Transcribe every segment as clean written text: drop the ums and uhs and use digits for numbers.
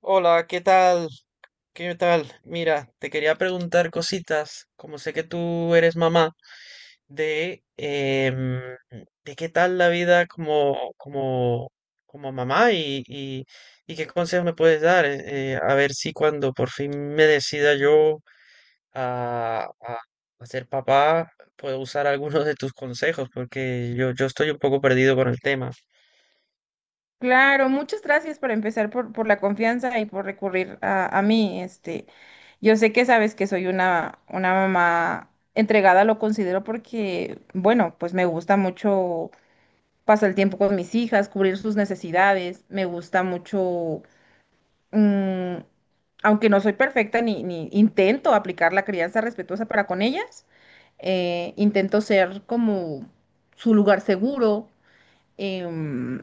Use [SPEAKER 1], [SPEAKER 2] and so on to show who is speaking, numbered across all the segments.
[SPEAKER 1] Hola, ¿qué tal? ¿Qué tal? Mira, te quería preguntar cositas, como sé que tú eres mamá, de, em, de qué tal la vida como mamá y qué consejos me puedes dar, a ver si cuando por fin me decida yo a, a, a ser papá, puedo usar algunos de tus consejos, porque yo estoy un poco perdido con el tema.
[SPEAKER 2] Claro, muchas gracias por empezar por la confianza y por recurrir a mí. Yo sé que sabes que soy una mamá entregada, lo considero porque, bueno, pues me gusta mucho pasar el tiempo con mis hijas, cubrir sus necesidades, me gusta mucho, mm, aunque no soy perfecta ni intento aplicar la crianza respetuosa para con ellas, intento ser como su lugar seguro. em,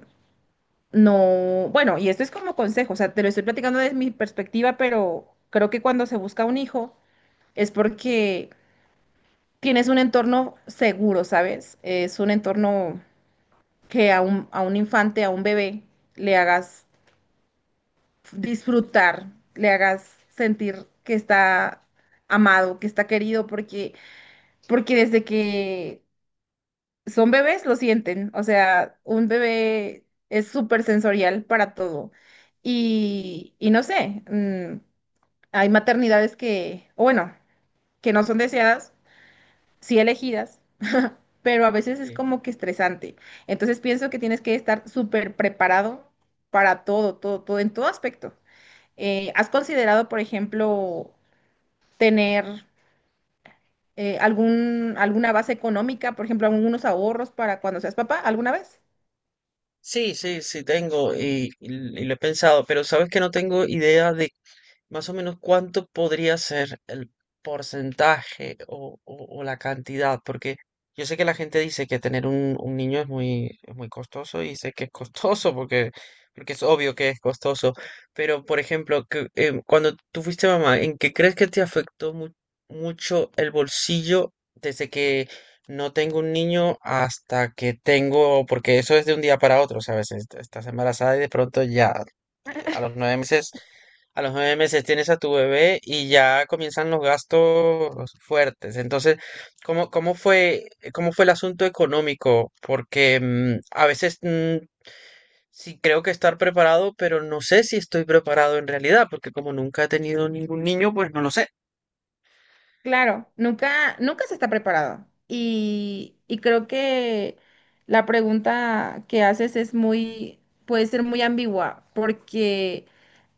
[SPEAKER 2] no, bueno, y esto es como consejo, o sea, te lo estoy platicando desde mi perspectiva, pero creo que cuando se busca un hijo es porque tienes un entorno seguro, ¿sabes? Es un entorno que a un infante, a un bebé, le hagas disfrutar, le hagas sentir que está amado, que está querido, porque desde que son bebés, lo sienten. O sea, un bebé es súper sensorial para todo. Y no sé, hay maternidades que, o bueno, que no son deseadas, sí elegidas, pero a veces es
[SPEAKER 1] Sí,
[SPEAKER 2] como que estresante. Entonces pienso que tienes que estar súper preparado para todo, todo, todo, en todo aspecto. ¿Has considerado, por ejemplo, tener alguna base económica, por ejemplo, algunos ahorros para cuando seas papá alguna vez?
[SPEAKER 1] sí, sí, sí tengo y, y lo he pensado, pero sabes que no tengo idea de más o menos, ¿cuánto podría ser el porcentaje o, o la cantidad? Porque yo sé que la gente dice que tener un niño es muy costoso y sé que es costoso porque, porque es obvio que es costoso. Pero, por ejemplo, que, cuando tú fuiste mamá, ¿en qué crees que te afectó mucho el bolsillo desde que no tengo un niño hasta que tengo, porque eso es de un día para otro, ¿sabes? Estás embarazada y de pronto ya a los nueve meses, a los nueve meses tienes a tu bebé y ya comienzan los gastos fuertes. Entonces, ¿cómo, cómo fue, ¿cómo fue el asunto económico? Porque a veces sí creo que estar preparado, pero no sé si estoy preparado en realidad, porque como nunca he tenido ningún niño, pues no lo sé.
[SPEAKER 2] Claro, nunca, nunca se está preparado. Y creo que la pregunta que haces es muy, puede ser muy ambigua, porque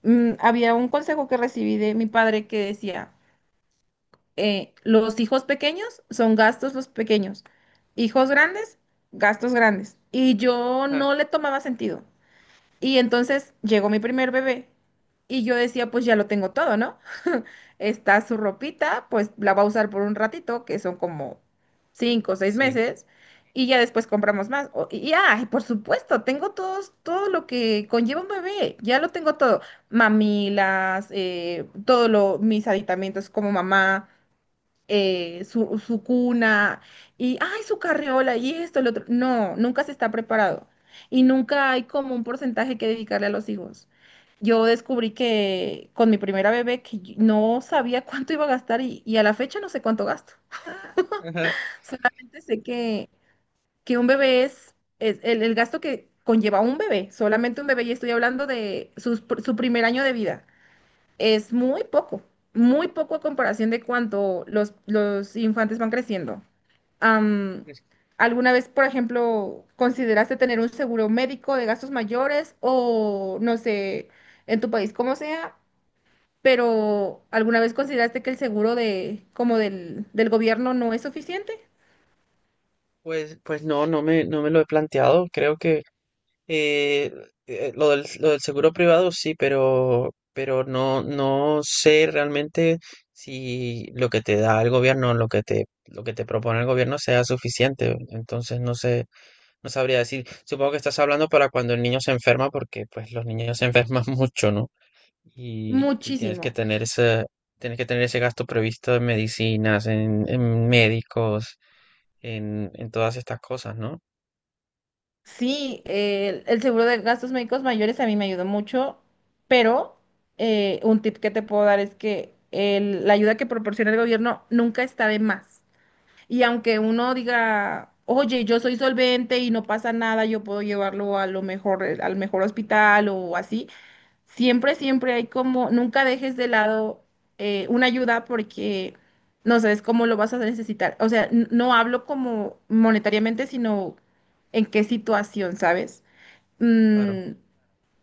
[SPEAKER 2] había un consejo que recibí de mi padre que decía, los hijos pequeños son gastos los pequeños, hijos grandes, gastos grandes. Y yo
[SPEAKER 1] Ah,
[SPEAKER 2] no le tomaba sentido. Y entonces llegó mi primer bebé y yo decía, pues ya lo tengo todo, ¿no? Está su ropita, pues la va a usar por un ratito, que son como cinco o seis
[SPEAKER 1] sí.
[SPEAKER 2] meses, y ya después compramos más. Por supuesto, todo lo que conlleva un bebé, ya lo tengo todo. Mamilas, todo lo, mis aditamentos como mamá, su cuna y, ay, su carriola y esto, el otro. No, nunca se está preparado y nunca hay como un porcentaje que dedicarle a los hijos. Yo descubrí que con mi primera bebé que yo no sabía cuánto iba a gastar y a la fecha no sé cuánto gasto.
[SPEAKER 1] Ajá.
[SPEAKER 2] Solamente sé que un bebé es el gasto que conlleva un bebé, solamente un bebé y estoy hablando de su primer año de vida. Es muy poco a comparación de cuánto los infantes van creciendo. Am,
[SPEAKER 1] Es que,
[SPEAKER 2] ¿Alguna vez, por ejemplo, consideraste tener un seguro médico de gastos mayores o no sé, en tu país como sea, pero alguna vez consideraste que el seguro de como del gobierno no es suficiente?
[SPEAKER 1] pues, no me lo he planteado. Creo que Eh, lo del seguro privado sí, pero no, no sé realmente si lo que te da el gobierno, lo que te propone el gobierno sea suficiente. Entonces no sé, no sabría decir. Supongo que estás hablando para cuando el niño se enferma, porque pues los niños se enferman mucho, ¿no? Y tienes que
[SPEAKER 2] Muchísimo.
[SPEAKER 1] tener ese, tienes que tener ese gasto previsto en medicinas, en médicos, en todas estas cosas, ¿no?
[SPEAKER 2] Sí, el seguro de gastos médicos mayores a mí me ayudó mucho, pero un tip que te puedo dar es que la ayuda que proporciona el gobierno nunca está de más. Y aunque uno diga, oye, yo soy solvente y no pasa nada, yo puedo llevarlo a lo mejor, al mejor hospital o así, siempre, siempre hay como, nunca dejes de lado una ayuda porque no sabes cómo lo vas a necesitar. O sea, no hablo como monetariamente, sino en qué situación, ¿sabes?
[SPEAKER 1] Claro.
[SPEAKER 2] Mm,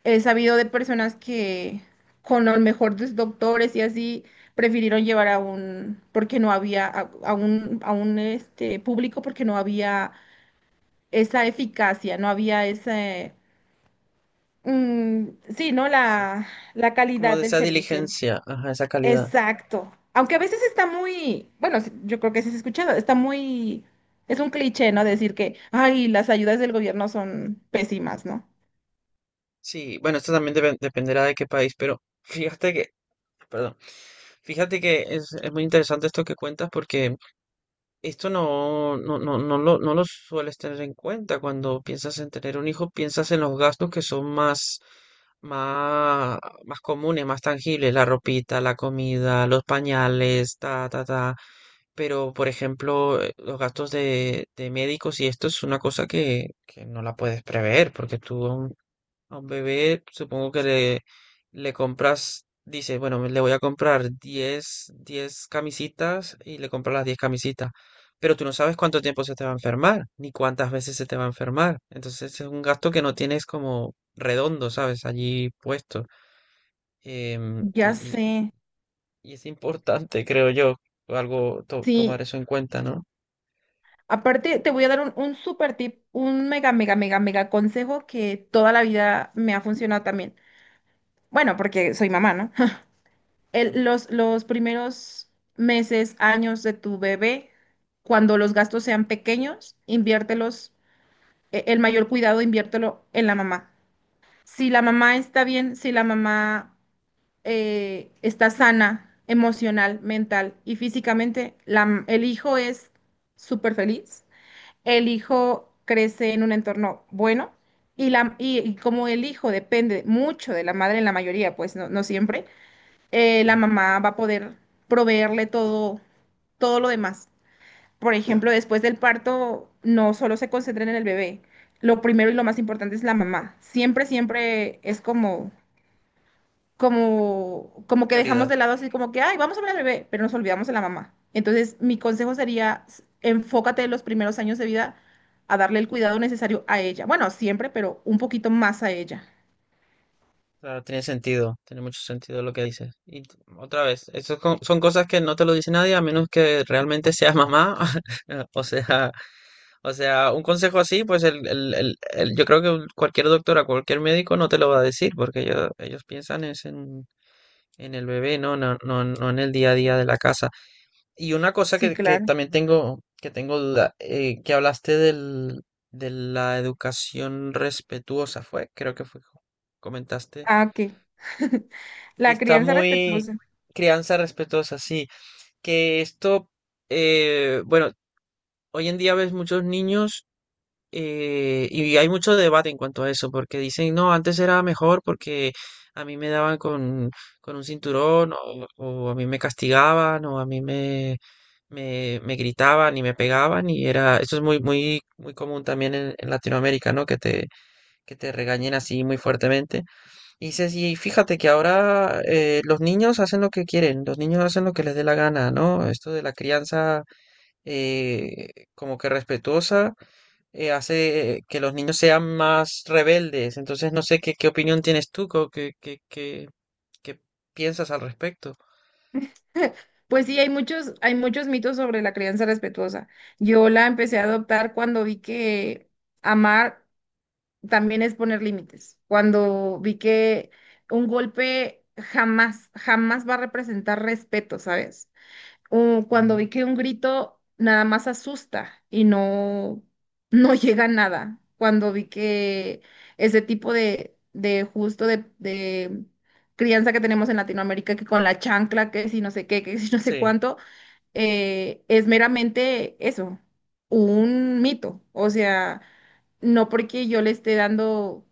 [SPEAKER 2] he sabido de personas que con los mejores doctores y así prefirieron llevar a un, porque no había, a un este, público, porque no había esa eficacia, no había ese, mm, sí, ¿no? La
[SPEAKER 1] Como
[SPEAKER 2] calidad
[SPEAKER 1] de
[SPEAKER 2] del
[SPEAKER 1] esa
[SPEAKER 2] servicio.
[SPEAKER 1] diligencia, ajá, esa calidad.
[SPEAKER 2] Exacto. Aunque a veces está muy, bueno, sí, yo creo que sí has escuchado, está muy, es un cliché, ¿no? Decir que, ay, las ayudas del gobierno son pésimas, ¿no?
[SPEAKER 1] Sí, bueno, esto también dependerá de qué país, pero fíjate que, perdón, fíjate que es muy interesante esto que cuentas porque esto no, no, no, no lo, no lo sueles tener en cuenta cuando piensas en tener un hijo, piensas en los gastos que son más, más, más comunes, más tangibles, la ropita, la comida, los pañales, ta, ta, ta. Pero, por ejemplo, los gastos de médicos y esto es una cosa que no la puedes prever, porque tú aún a un bebé, supongo que le compras, dice, bueno, le voy a comprar diez camisitas y le compras las 10 camisitas. Pero tú no sabes cuánto tiempo se te va a enfermar, ni cuántas veces se te va a enfermar. Entonces es un gasto que no tienes como redondo, ¿sabes? Allí puesto. Em,
[SPEAKER 2] Ya
[SPEAKER 1] y, y-
[SPEAKER 2] sé,
[SPEAKER 1] y es importante, creo yo, algo
[SPEAKER 2] sí.
[SPEAKER 1] tomar eso en cuenta, ¿no?
[SPEAKER 2] Aparte, te voy a dar un super tip, un mega, mega, mega, mega consejo que toda la vida me ha funcionado también. Bueno, porque soy mamá, ¿no?
[SPEAKER 1] Mm.
[SPEAKER 2] Los primeros meses, años de tu bebé, cuando los gastos sean pequeños, inviértelos, el mayor cuidado, inviértelo en la mamá. Si la mamá está bien, si la mamá está sana emocional, mental y físicamente, el hijo es súper feliz, el hijo crece en un entorno bueno y como el hijo depende mucho de la madre en la mayoría, pues no, no siempre, la
[SPEAKER 1] Sí.
[SPEAKER 2] mamá va a poder proveerle todo, todo lo demás. Por ejemplo, después del parto, no solo se concentren en el bebé, lo primero y lo más importante es la mamá. Siempre, siempre es como como que dejamos de
[SPEAKER 1] Prioridades.
[SPEAKER 2] lado así como que, ay, vamos a ver al bebé, pero nos olvidamos de la mamá. Entonces, mi consejo sería, enfócate en los primeros años de vida a darle el cuidado necesario a ella. Bueno, siempre, pero un poquito más a ella.
[SPEAKER 1] Claro, tiene sentido, tiene mucho sentido lo que dices. Y otra vez, eso es son cosas que no te lo dice nadie a menos que realmente seas mamá. O sea, o sea, un consejo así, pues yo creo que cualquier doctora, cualquier médico no te lo va a decir, porque ellos piensan es en el bebé, ¿no? No, no, no en el día a día de la casa. Y una cosa
[SPEAKER 2] Sí,
[SPEAKER 1] que
[SPEAKER 2] claro.
[SPEAKER 1] también tengo, que tengo duda, que hablaste del, de la educación respetuosa, fue, creo que fue, comentaste
[SPEAKER 2] Ah, ok.
[SPEAKER 1] que
[SPEAKER 2] La
[SPEAKER 1] está
[SPEAKER 2] crianza
[SPEAKER 1] muy
[SPEAKER 2] respetuosa.
[SPEAKER 1] crianza respetuosa, sí. Que esto, bueno, hoy en día ves muchos niños y hay mucho debate en cuanto a eso, porque dicen, no, antes era mejor porque a mí me daban con un cinturón o a mí me castigaban o a mí me, me, me gritaban y me pegaban y era, eso es muy, muy, muy común también en Latinoamérica, ¿no? Que te regañen así muy fuertemente. Y Ceci, y fíjate que ahora los niños hacen lo que quieren, los niños hacen lo que les dé la gana, ¿no? Esto de la crianza como que respetuosa hace que los niños sean más rebeldes. Entonces, no sé qué, qué opinión tienes tú, qué, qué, qué, qué piensas al respecto.
[SPEAKER 2] Pues sí, hay muchos mitos sobre la crianza respetuosa. Yo la empecé a adoptar cuando vi que amar también es poner límites. Cuando vi que un golpe jamás, jamás va a representar respeto, ¿sabes? O cuando
[SPEAKER 1] Mm,
[SPEAKER 2] vi que un grito nada más asusta y no, no llega a nada. Cuando vi que ese tipo de crianza que tenemos en Latinoamérica, que con la chancla, que si no sé qué, que si no sé
[SPEAKER 1] Sí,
[SPEAKER 2] cuánto, es meramente eso, un mito. O sea, no porque yo le esté dando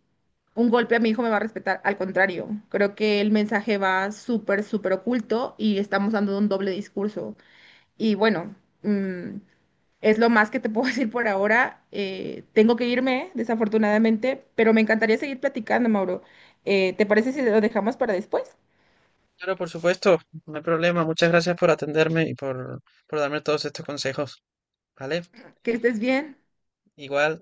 [SPEAKER 2] un golpe a mi hijo me va a respetar. Al contrario, creo que el mensaje va súper, súper oculto y estamos dando un doble discurso. Y bueno, mm, es lo más que te puedo decir por ahora. Tengo que irme, desafortunadamente, pero me encantaría seguir platicando, Mauro. ¿Te parece si lo dejamos para después?
[SPEAKER 1] claro, por supuesto, no hay problema. Muchas gracias por atenderme y por darme todos estos consejos, ¿vale?
[SPEAKER 2] Que estés bien.
[SPEAKER 1] Igual.